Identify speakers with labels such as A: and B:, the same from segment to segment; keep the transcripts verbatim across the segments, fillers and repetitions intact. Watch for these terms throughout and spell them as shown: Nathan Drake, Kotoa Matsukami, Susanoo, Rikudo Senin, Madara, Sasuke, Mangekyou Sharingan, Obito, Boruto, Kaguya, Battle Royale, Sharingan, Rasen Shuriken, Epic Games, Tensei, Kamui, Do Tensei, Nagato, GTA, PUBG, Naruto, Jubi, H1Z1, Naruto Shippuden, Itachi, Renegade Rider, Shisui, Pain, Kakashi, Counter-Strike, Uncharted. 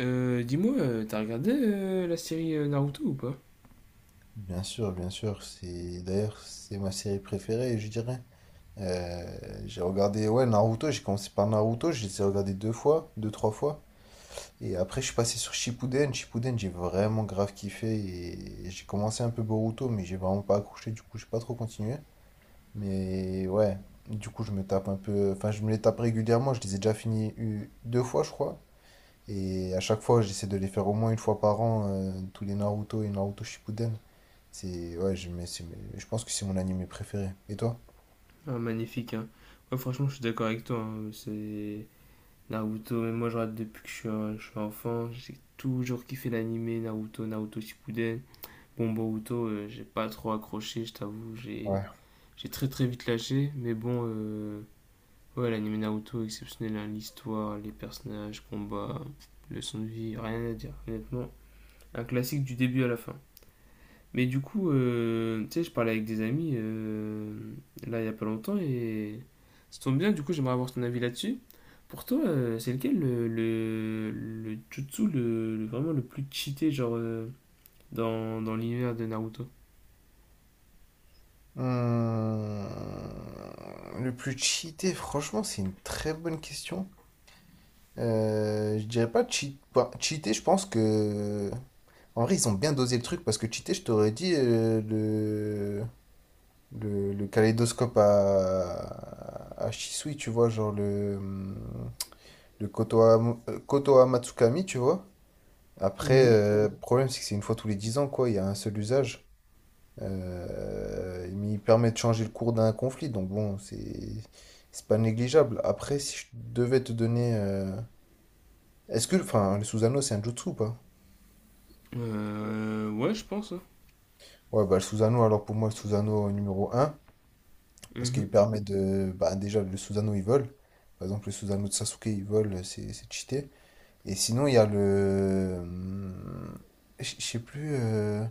A: Euh, dis-moi, euh, t'as regardé euh, la série euh, Naruto ou pas?
B: Bien sûr, bien sûr, c'est d'ailleurs c'est ma série préférée, je dirais. Euh, j'ai regardé ouais Naruto, j'ai commencé par Naruto, je les ai regardés deux fois, deux trois fois, et après je suis passé sur Shippuden. Shippuden, j'ai vraiment grave kiffé et j'ai commencé un peu Boruto, mais j'ai vraiment pas accroché, du coup j'ai pas trop continué. Mais ouais, du coup je me tape un peu, enfin je me les tape régulièrement, je les ai déjà finis eu- deux fois je crois, et à chaque fois j'essaie de les faire au moins une fois par an euh, tous les Naruto et Naruto Shippuden. C'est ouais, je mais c'est- mais je pense que c'est mon animé préféré. Et toi?
A: Ah, magnifique, hein. Ouais, franchement, je suis d'accord avec toi, hein. C'est Naruto, même moi, je regarde depuis que je suis, un- je suis enfant. J'ai toujours kiffé l'animé Naruto, Naruto Shippuden. Bon, Boruto, euh, j'ai pas trop accroché, je t'avoue. J'ai
B: Ouais.
A: j'ai très très vite lâché. Mais bon, euh, ouais, l'animé Naruto, exceptionnel, hein. L'histoire, les personnages, combats, leçons de vie, rien à dire. Honnêtement, un classique du début à la fin. Mais du coup, euh, tu sais, je parlais avec des amis euh, là il y a pas longtemps et ça tombe bien, du coup, j'aimerais avoir ton avis là-dessus. Pour toi, euh, c'est lequel le, le, le jutsu le, le- vraiment le plus cheaté genre euh, dans, dans l'univers de Naruto?
B: Hmm, le plus cheaté, franchement, c'est une très bonne question. Euh, je dirais pas cheat... bah, cheaté, je pense que... En vrai, ils ont bien dosé le truc parce que cheaté, je t'aurais dit euh, le... le... le kaléidoscope à... à Shisui, tu vois, genre le, hum, le Kotoa... euh, Kotoa Matsukami, tu vois. Après,
A: Mhm.
B: euh, le problème, c'est que c'est une fois tous les dix ans, quoi, il y a un seul usage. Euh, mais il permet de changer le cours d'un conflit, donc bon, c'est c'est pas négligeable. Après, si je devais te donner, euh, est-ce que, enfin, le Susanoo c'est un jutsu ou pas?
A: Euh, ouais, je pense, hein.
B: Ouais, bah le Susanoo, alors pour moi le Susanoo numéro un parce qu'il
A: Mhm.
B: permet de, bah déjà le Susanoo il vole. Par exemple, le Susanoo de Sasuke il vole, c'est c'est cheaté. Et sinon il y a le, hum, je je sais plus, euh,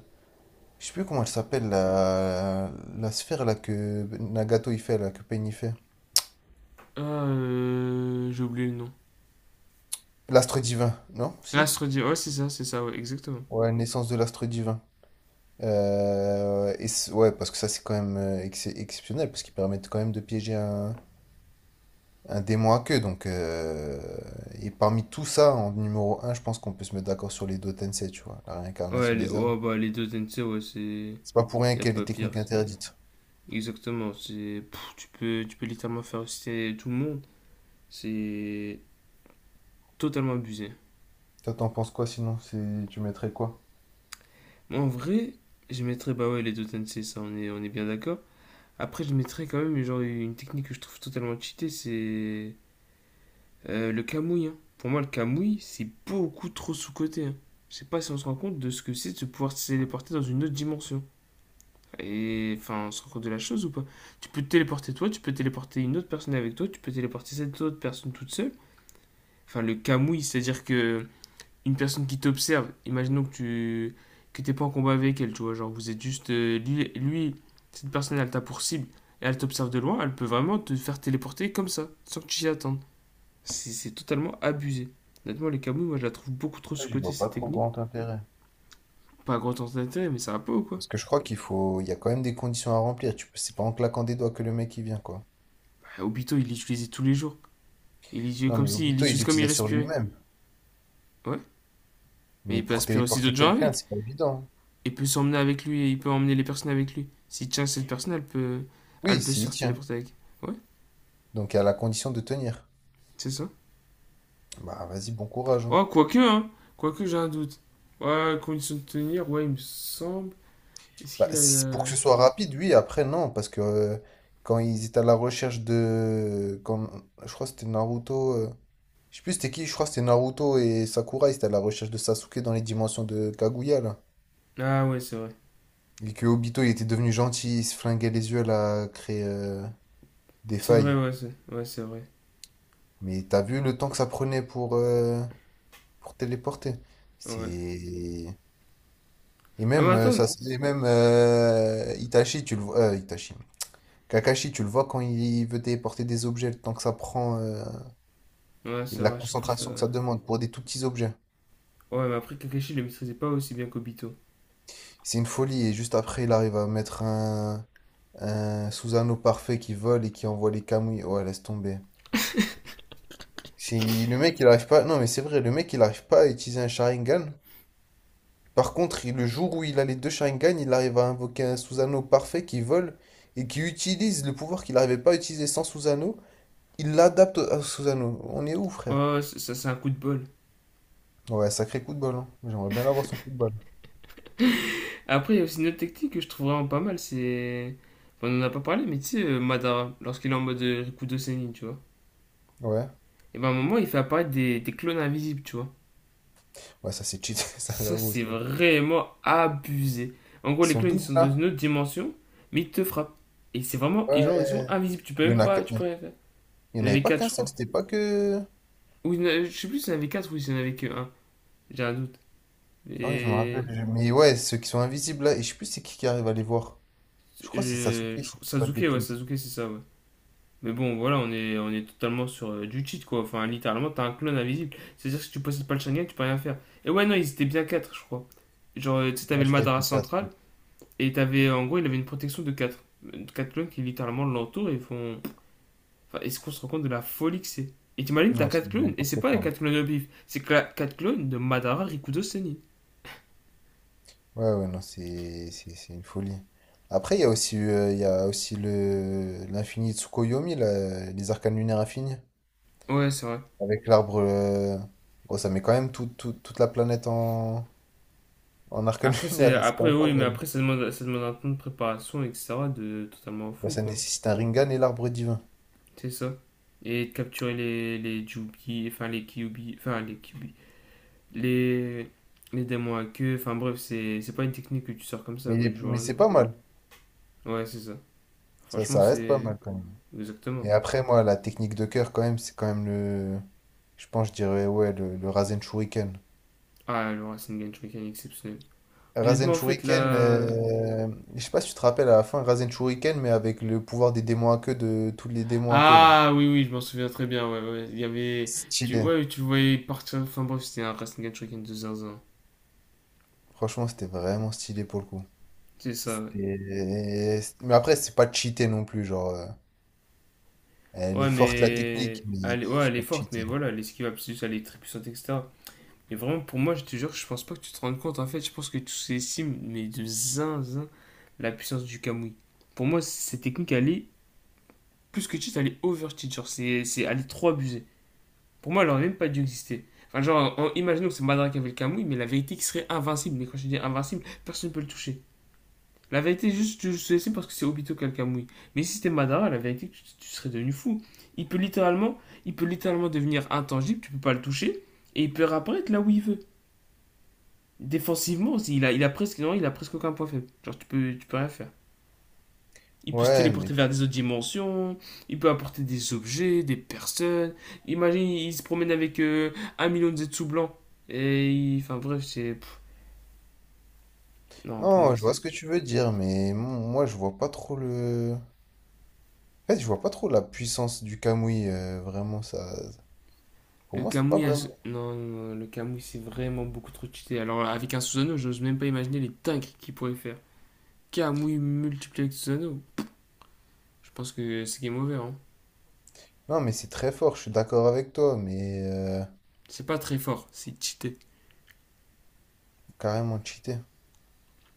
B: je sais plus comment elle s'appelle la la sphère là que Nagato il fait là, que Pain il fait.
A: Ah, euh, j'ai oublié le nom.
B: L'astre divin, non? Si?
A: L'astre dit, ouais, c'est ça, c'est ça, ouais, exactement.
B: Ouais, naissance de l'astre divin. Euh, et c'est- ouais, parce que ça, c'est quand même euh, ex- exceptionnel, parce qu'ils permettent quand même de piéger un, un démon à queue. Donc, euh, et parmi tout ça, en numéro un, je pense qu'on peut se mettre d'accord sur les Do Tensei, tu vois, la
A: Ouais,
B: réincarnation
A: les,
B: des âmes.
A: ouais, bah, les deux Tensei, ouais, c'est.
B: C'est pas pour rien
A: Y a
B: qu'elle est
A: pas pire,
B: technique
A: c'est.
B: interdite.
A: Exactement, c'est pff, tu peux tu peux littéralement faire citer tout le monde, c'est totalement abusé.
B: Toi, t'en penses quoi sinon? C'est- Tu mettrais quoi?
A: Moi, en vrai, je mettrais bah ouais les deux Tensei, ça on est on est bien d'accord. Après je mettrais quand même genre une technique que je trouve totalement cheatée, c'est euh, le Kamui, hein. Pour moi le Kamui, c'est beaucoup trop sous-coté, hein. Je sais pas si on se rend compte de ce que c'est de se pouvoir se téléporter dans une autre dimension. Et enfin, on se rend compte de la chose ou pas? Tu peux te téléporter toi, tu peux téléporter une autre personne avec toi, tu peux téléporter cette autre personne toute seule. Enfin le camouille, c'est-à-dire que une personne qui t'observe, imaginons que tu que t'es pas en combat avec elle, tu vois, genre vous êtes juste euh, lui, lui, cette personne elle t'a pour cible et elle t'observe de loin, elle peut vraiment te faire téléporter comme ça, sans que tu t'y attendes. C'est c'est totalement abusé. Honnêtement, les camouilles, moi je la trouve beaucoup trop
B: Ouais, j'y
A: sous-cotée
B: vois
A: cette
B: pas trop
A: technique.
B: grand intérêt.
A: Pas grand temps d'intérêt, mais ça va pas ou quoi?
B: Parce que je crois qu'il faut, il y a quand même des conditions à remplir. Tu peux, c'est pas en claquant des doigts que le mec il vient, quoi.
A: Bah, Obito, il l'utilisait tous les jours. Il l'utilisait
B: Non,
A: comme
B: mais
A: si, il
B: Obito, il
A: l'utilise comme il
B: l'utilisait sur
A: respirait.
B: lui-même.
A: Ouais, mais
B: Mais
A: il peut
B: pour
A: aspirer aussi
B: téléporter
A: d'autres gens
B: quelqu'un,
A: avec.
B: c'est pas évident.
A: Il peut s'emmener avec lui et il peut emmener les personnes avec lui. S'il tient cette personne, elle peut, elle
B: Oui,
A: peut se
B: s'il
A: faire
B: tient.
A: téléporter avec. Ouais,
B: Donc à la condition de tenir.
A: c'est ça.
B: Bah vas-y, bon courage, hein.
A: Oh, quoique, hein. Quoique, j'ai un doute. Ouais, condition de tenir, ouais, il me semble. Est-ce
B: Bah,
A: qu'il a.
B: si- pour que ce soit rapide, oui, après non, parce que euh, quand ils étaient à la recherche de. Quand, je crois que c'était Naruto. euh, Je sais plus c'était qui, je crois que c'était Naruto et Sakura, ils étaient à la recherche de Sasuke dans les dimensions de Kaguya là.
A: Ah, ouais, c'est vrai.
B: Et que Obito il était devenu gentil, il se flinguait les yeux là, à créer euh, des
A: C'est vrai,
B: failles.
A: ouais, c'est ouais, c'est vrai.
B: Mais t'as vu le temps que ça prenait pour, euh, pour téléporter?
A: Ouais.
B: C'est. Et
A: Ah, mais
B: même, euh,
A: attends.
B: ça, et même euh, Itachi, tu le vois. euh, Itachi. Kakashi, tu le vois quand il veut téléporter des objets, le temps que ça prend, euh,
A: Ouais,
B: et
A: c'est
B: la
A: vrai, à chaque fois ça.
B: concentration que ça demande pour des tout petits objets.
A: Ouais, mais après, Kakashi il le maîtrisait pas aussi bien qu'Obito.
B: C'est une folie. Et juste après, il arrive à mettre un, un Susanoo parfait qui vole et qui envoie les Kamui. Ouais, laisse tomber. Si le mec, il arrive pas. Non, mais c'est vrai, le mec, il arrive pas à utiliser un Sharingan. Par contre, il- le jour où il a les deux Sharingan, il arrive à invoquer un Susanoo parfait qui vole et qui utilise le pouvoir qu'il n'arrivait pas à utiliser sans Susanoo. Il l'adapte à Susano. On est où, frère?
A: Oh, ça, c'est un coup de bol.
B: Ouais, sacré coup de bol, hein. J'aimerais bien avoir son coup de balle.
A: Après, il y a aussi une autre technique que je trouve vraiment pas mal, c'est. Enfin, on en a pas parlé, mais tu sais, euh, Madara, lorsqu'il est en mode euh, Rikudo Senin, tu vois.
B: Ouais.
A: Et ben à un moment, il fait apparaître des, des clones invisibles, tu vois.
B: Ouais, ça c'est cheaté, ça
A: Ça,
B: j'avoue
A: c'est
B: aussi.
A: vraiment abusé. En gros, les
B: Son
A: clones, ils
B: double
A: sont dans
B: là.
A: une autre dimension, mais ils te frappent. Et c'est vraiment. Et genre, ils sont
B: Ouais.
A: invisibles. Tu peux
B: Il y
A: même
B: en a,
A: pas.
B: qu-
A: Tu peux rien faire.
B: il y
A: Il
B: en
A: y en
B: avait
A: avait
B: pas
A: quatre
B: qu'un
A: je
B: seul,
A: crois.
B: c'était pas que.
A: Ou je sais plus s'il y en avait quatre ou s'il y en avait que un. J'ai un doute.
B: Ah ouais, je me
A: Et.
B: rappelle. je- Mais ouais, ceux qui sont invisibles là, et je sais plus c'est qui qui arrive à les voir. Je crois que c'est Sasuke,
A: Je, je-
B: si je dis pas de
A: Sasuke, ouais,
B: bêtises.
A: Sasuke, c'est ça, ouais. Mais bon, voilà, on est, on est totalement sur euh, du cheat, quoi. Enfin, littéralement, t'as un clone invisible. C'est-à-dire que si tu possèdes pas le Sharingan, tu peux rien faire. Et ouais, non, ils étaient bien quatre je crois. Genre, euh, tu sais,
B: Ouais,
A: t'avais le
B: je crois que
A: Madara
B: c'était quatre.
A: central, et t'avais, en gros, il avait une protection de quatre quatre clones qui littéralement l'entourent et font. Enfin, est-ce qu'on se rend compte de la folie que c'est? Et t'imagines, t'as
B: Non, c'est
A: quatre clones, et c'est
B: n'importe
A: pas les
B: quoi.
A: quatre clones de bif, c'est quatre clones de Madara Rikudo Senin.
B: Ouais, ouais, non, c'est c'est- c'est une folie. Après, il y a aussi, euh, il y a aussi le l'infini Tsukuyomi, là, les arcanes lunaires infinis.
A: Ouais, c'est vrai.
B: Avec l'arbre. euh, Bon, ça met quand même tout- tout- toute la planète en, en arcane
A: Après,
B: lunaire,
A: c'est...
B: hein. C'est quand
A: après,
B: même pas
A: oui, mais
B: mal.
A: après, ça demande, ça demande un temps de préparation, et cetera de totalement
B: Bah,
A: fou,
B: ça
A: quoi.
B: nécessite un ringan et l'arbre divin.
A: C'est ça. Et de capturer les, les Jubi, enfin les Kyubi, enfin les Kyubi, les, les démons à queue, enfin bref, c'est c'est pas une technique que tu sors comme ça,
B: Mais,
A: quoi,
B: il
A: du
B: est-
A: jour au
B: mais c'est
A: lendemain.
B: pas mal.
A: Ouais, c'est ça.
B: Ça,
A: Franchement,
B: ça reste pas
A: c'est.
B: mal quand même. Et
A: Exactement.
B: après, moi, la technique de cœur, quand même, c'est quand même le. Je pense, je dirais, ouais, le, le Rasen Shuriken.
A: Ah, le Racing a une mécanique exceptionnelle.
B: Rasen
A: Honnêtement, en fait,
B: Shuriken,
A: là.
B: euh, je sais pas si tu te rappelles à la fin, Rasen Shuriken, mais avec le pouvoir des démons à queue de tous les démons à queue là.
A: Ah, oui, oui, je m'en souviens très bien. Ouais, ouais. Il y avait. Tu...
B: Stylé.
A: Ouais, tu le voyais partir. Enfin, bref, c'était un Racing and Shuriken de zinzin.
B: Franchement, c'était vraiment stylé pour le coup.
A: C'est ça, ouais.
B: C'était- Mais après, c'est pas cheaté non plus, genre. euh, Elle est
A: Ouais,
B: forte la technique,
A: mais.
B: mais pff,
A: Elle... est- Ouais,
B: c'est
A: elle est
B: pas
A: forte,
B: cheaté.
A: mais voilà, elle esquive absolue, elle est très puissante, et cetera. Et vraiment, pour moi, je te jure, je pense pas que tu te rendes compte. En fait, je pense que tous ces sims, mais de zinzin, la puissance du Kamui. Pour moi, cette technique, elle est plus que cheat, elle est over cheat. Genre, c'est, c'est, elle est trop abusée. Pour moi, elle aurait même pas dû exister. Enfin, genre, en- imaginons que c'est Madara qui avait le Kamui, mais la vérité qui serait invincible. Mais quand je dis invincible, personne ne peut le toucher. La vérité, juste, tu sais, c'est parce que c'est Obito qui a le Kamui. Mais si c'était Madara, la vérité, tu, tu serais devenu fou. Il peut littéralement, il peut littéralement devenir intangible, tu peux pas le toucher, et il peut réapparaître là où il veut. Défensivement aussi, il a, il a presque, non, il a presque aucun point faible. Genre, tu peux, tu peux rien faire. Il peut se
B: Ouais, mais.
A: téléporter vers des autres dimensions, il peut apporter des objets, des personnes. Imagine, il se promène avec euh, un million de zetsu blancs. Et il- enfin bref, c'est. Non, pour moi,
B: Non, je vois ce
A: c'est.
B: que tu veux dire, mais mon- moi, je vois pas trop le. En fait, je vois pas trop la puissance du Kamui, euh, vraiment, ça. Pour
A: Le
B: moi, c'est pas
A: Kamui, a
B: vraiment.
A: Non, non, non, le Kamui, c'est vraiment beaucoup trop cheaté. Alors, avec un Susanoo, je n'ose même pas imaginer les dingueries qu'il pourrait faire. Kamui multiplié avec Susanoo, je pense que c'est game over, hein.
B: Non, mais c'est très fort, je suis d'accord avec toi, mais euh,
A: C'est pas très fort, c'est cheaté,
B: carrément cheaté.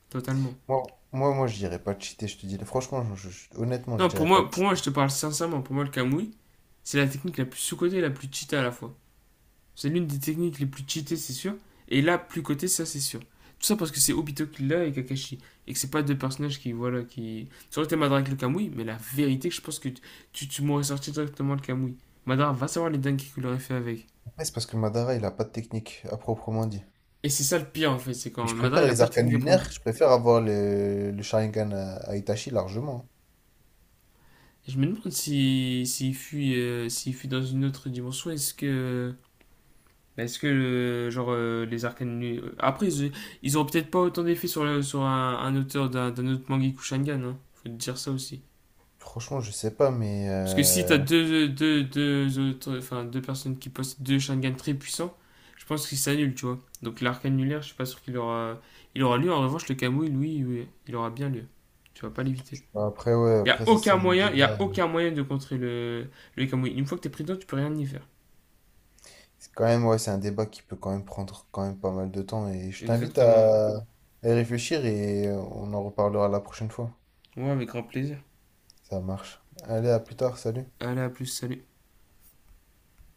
A: totalement.
B: Moi, moi, moi, je dirais pas cheaté, je te dis. Franchement, je- je- honnêtement, je
A: Non, pour
B: dirais pas
A: moi, pour moi,
B: cheaté.
A: je te parle sincèrement, pour moi, le Kamui, c'est la technique la plus sous-cotée et la plus cheatée à la fois. C'est l'une des techniques les plus cheatées, c'est sûr. Et là, plus côté, ça, c'est sûr. Tout ça parce que c'est Obito qui l'a et Kakashi. Et que c'est pas deux personnages qui, voilà, qui. Ça aurait été Madara avec le Kamui, mais la vérité, je pense que tu, tu, m'aurais sorti directement le Kamui. Madara va savoir les dingues qu'il aurait fait avec.
B: Après, c'est parce que Madara, il a pas de technique à proprement dit.
A: Et c'est ça le pire, en fait, c'est quand
B: Mais je
A: Madara,
B: préfère
A: il a
B: les
A: pas de
B: arcanes
A: technique à prendre.
B: lunaires, je préfère avoir le, le Sharingan à, à Itachi largement.
A: Je me demande s'il si, s'il fuit, euh, s'il fuit dans une autre dimension, est-ce que. Mais est-ce que, euh, genre, euh, les arcanes... nu- euh, Après, ils, ils auront peut-être pas autant d'effet sur, le- sur un, un auteur d'un d'un autre Mangekyou Shangan, hein. Faut te dire ça aussi.
B: Franchement, je sais pas, mais
A: Parce que si
B: euh,
A: t'as deux, deux, deux autres... Enfin, deux personnes qui possèdent deux Shangan très puissants, je pense qu'ils s'annulent, tu vois. Donc l'arcane annulaire, je suis pas sûr qu'il aura... Il aura lieu. En revanche, le Kamui, lui, oui, il aura bien lieu. Tu vas pas l'éviter.
B: après, ouais,
A: Il y a
B: après, ça, c'est
A: aucun
B: un
A: moyen, il y a
B: débat.
A: aucun moyen de contrer le, le Kamui. Une fois que t'es pris dedans, tu peux rien y faire.
B: C'est quand même, ouais, c'est un débat qui peut quand même prendre quand même pas mal de temps. Et je t'invite
A: Exactement, ouais.
B: à, à y réfléchir et on en reparlera la prochaine fois.
A: Ouais, avec grand plaisir.
B: Ça marche. Allez, à plus tard, salut.
A: Allez, à plus, salut.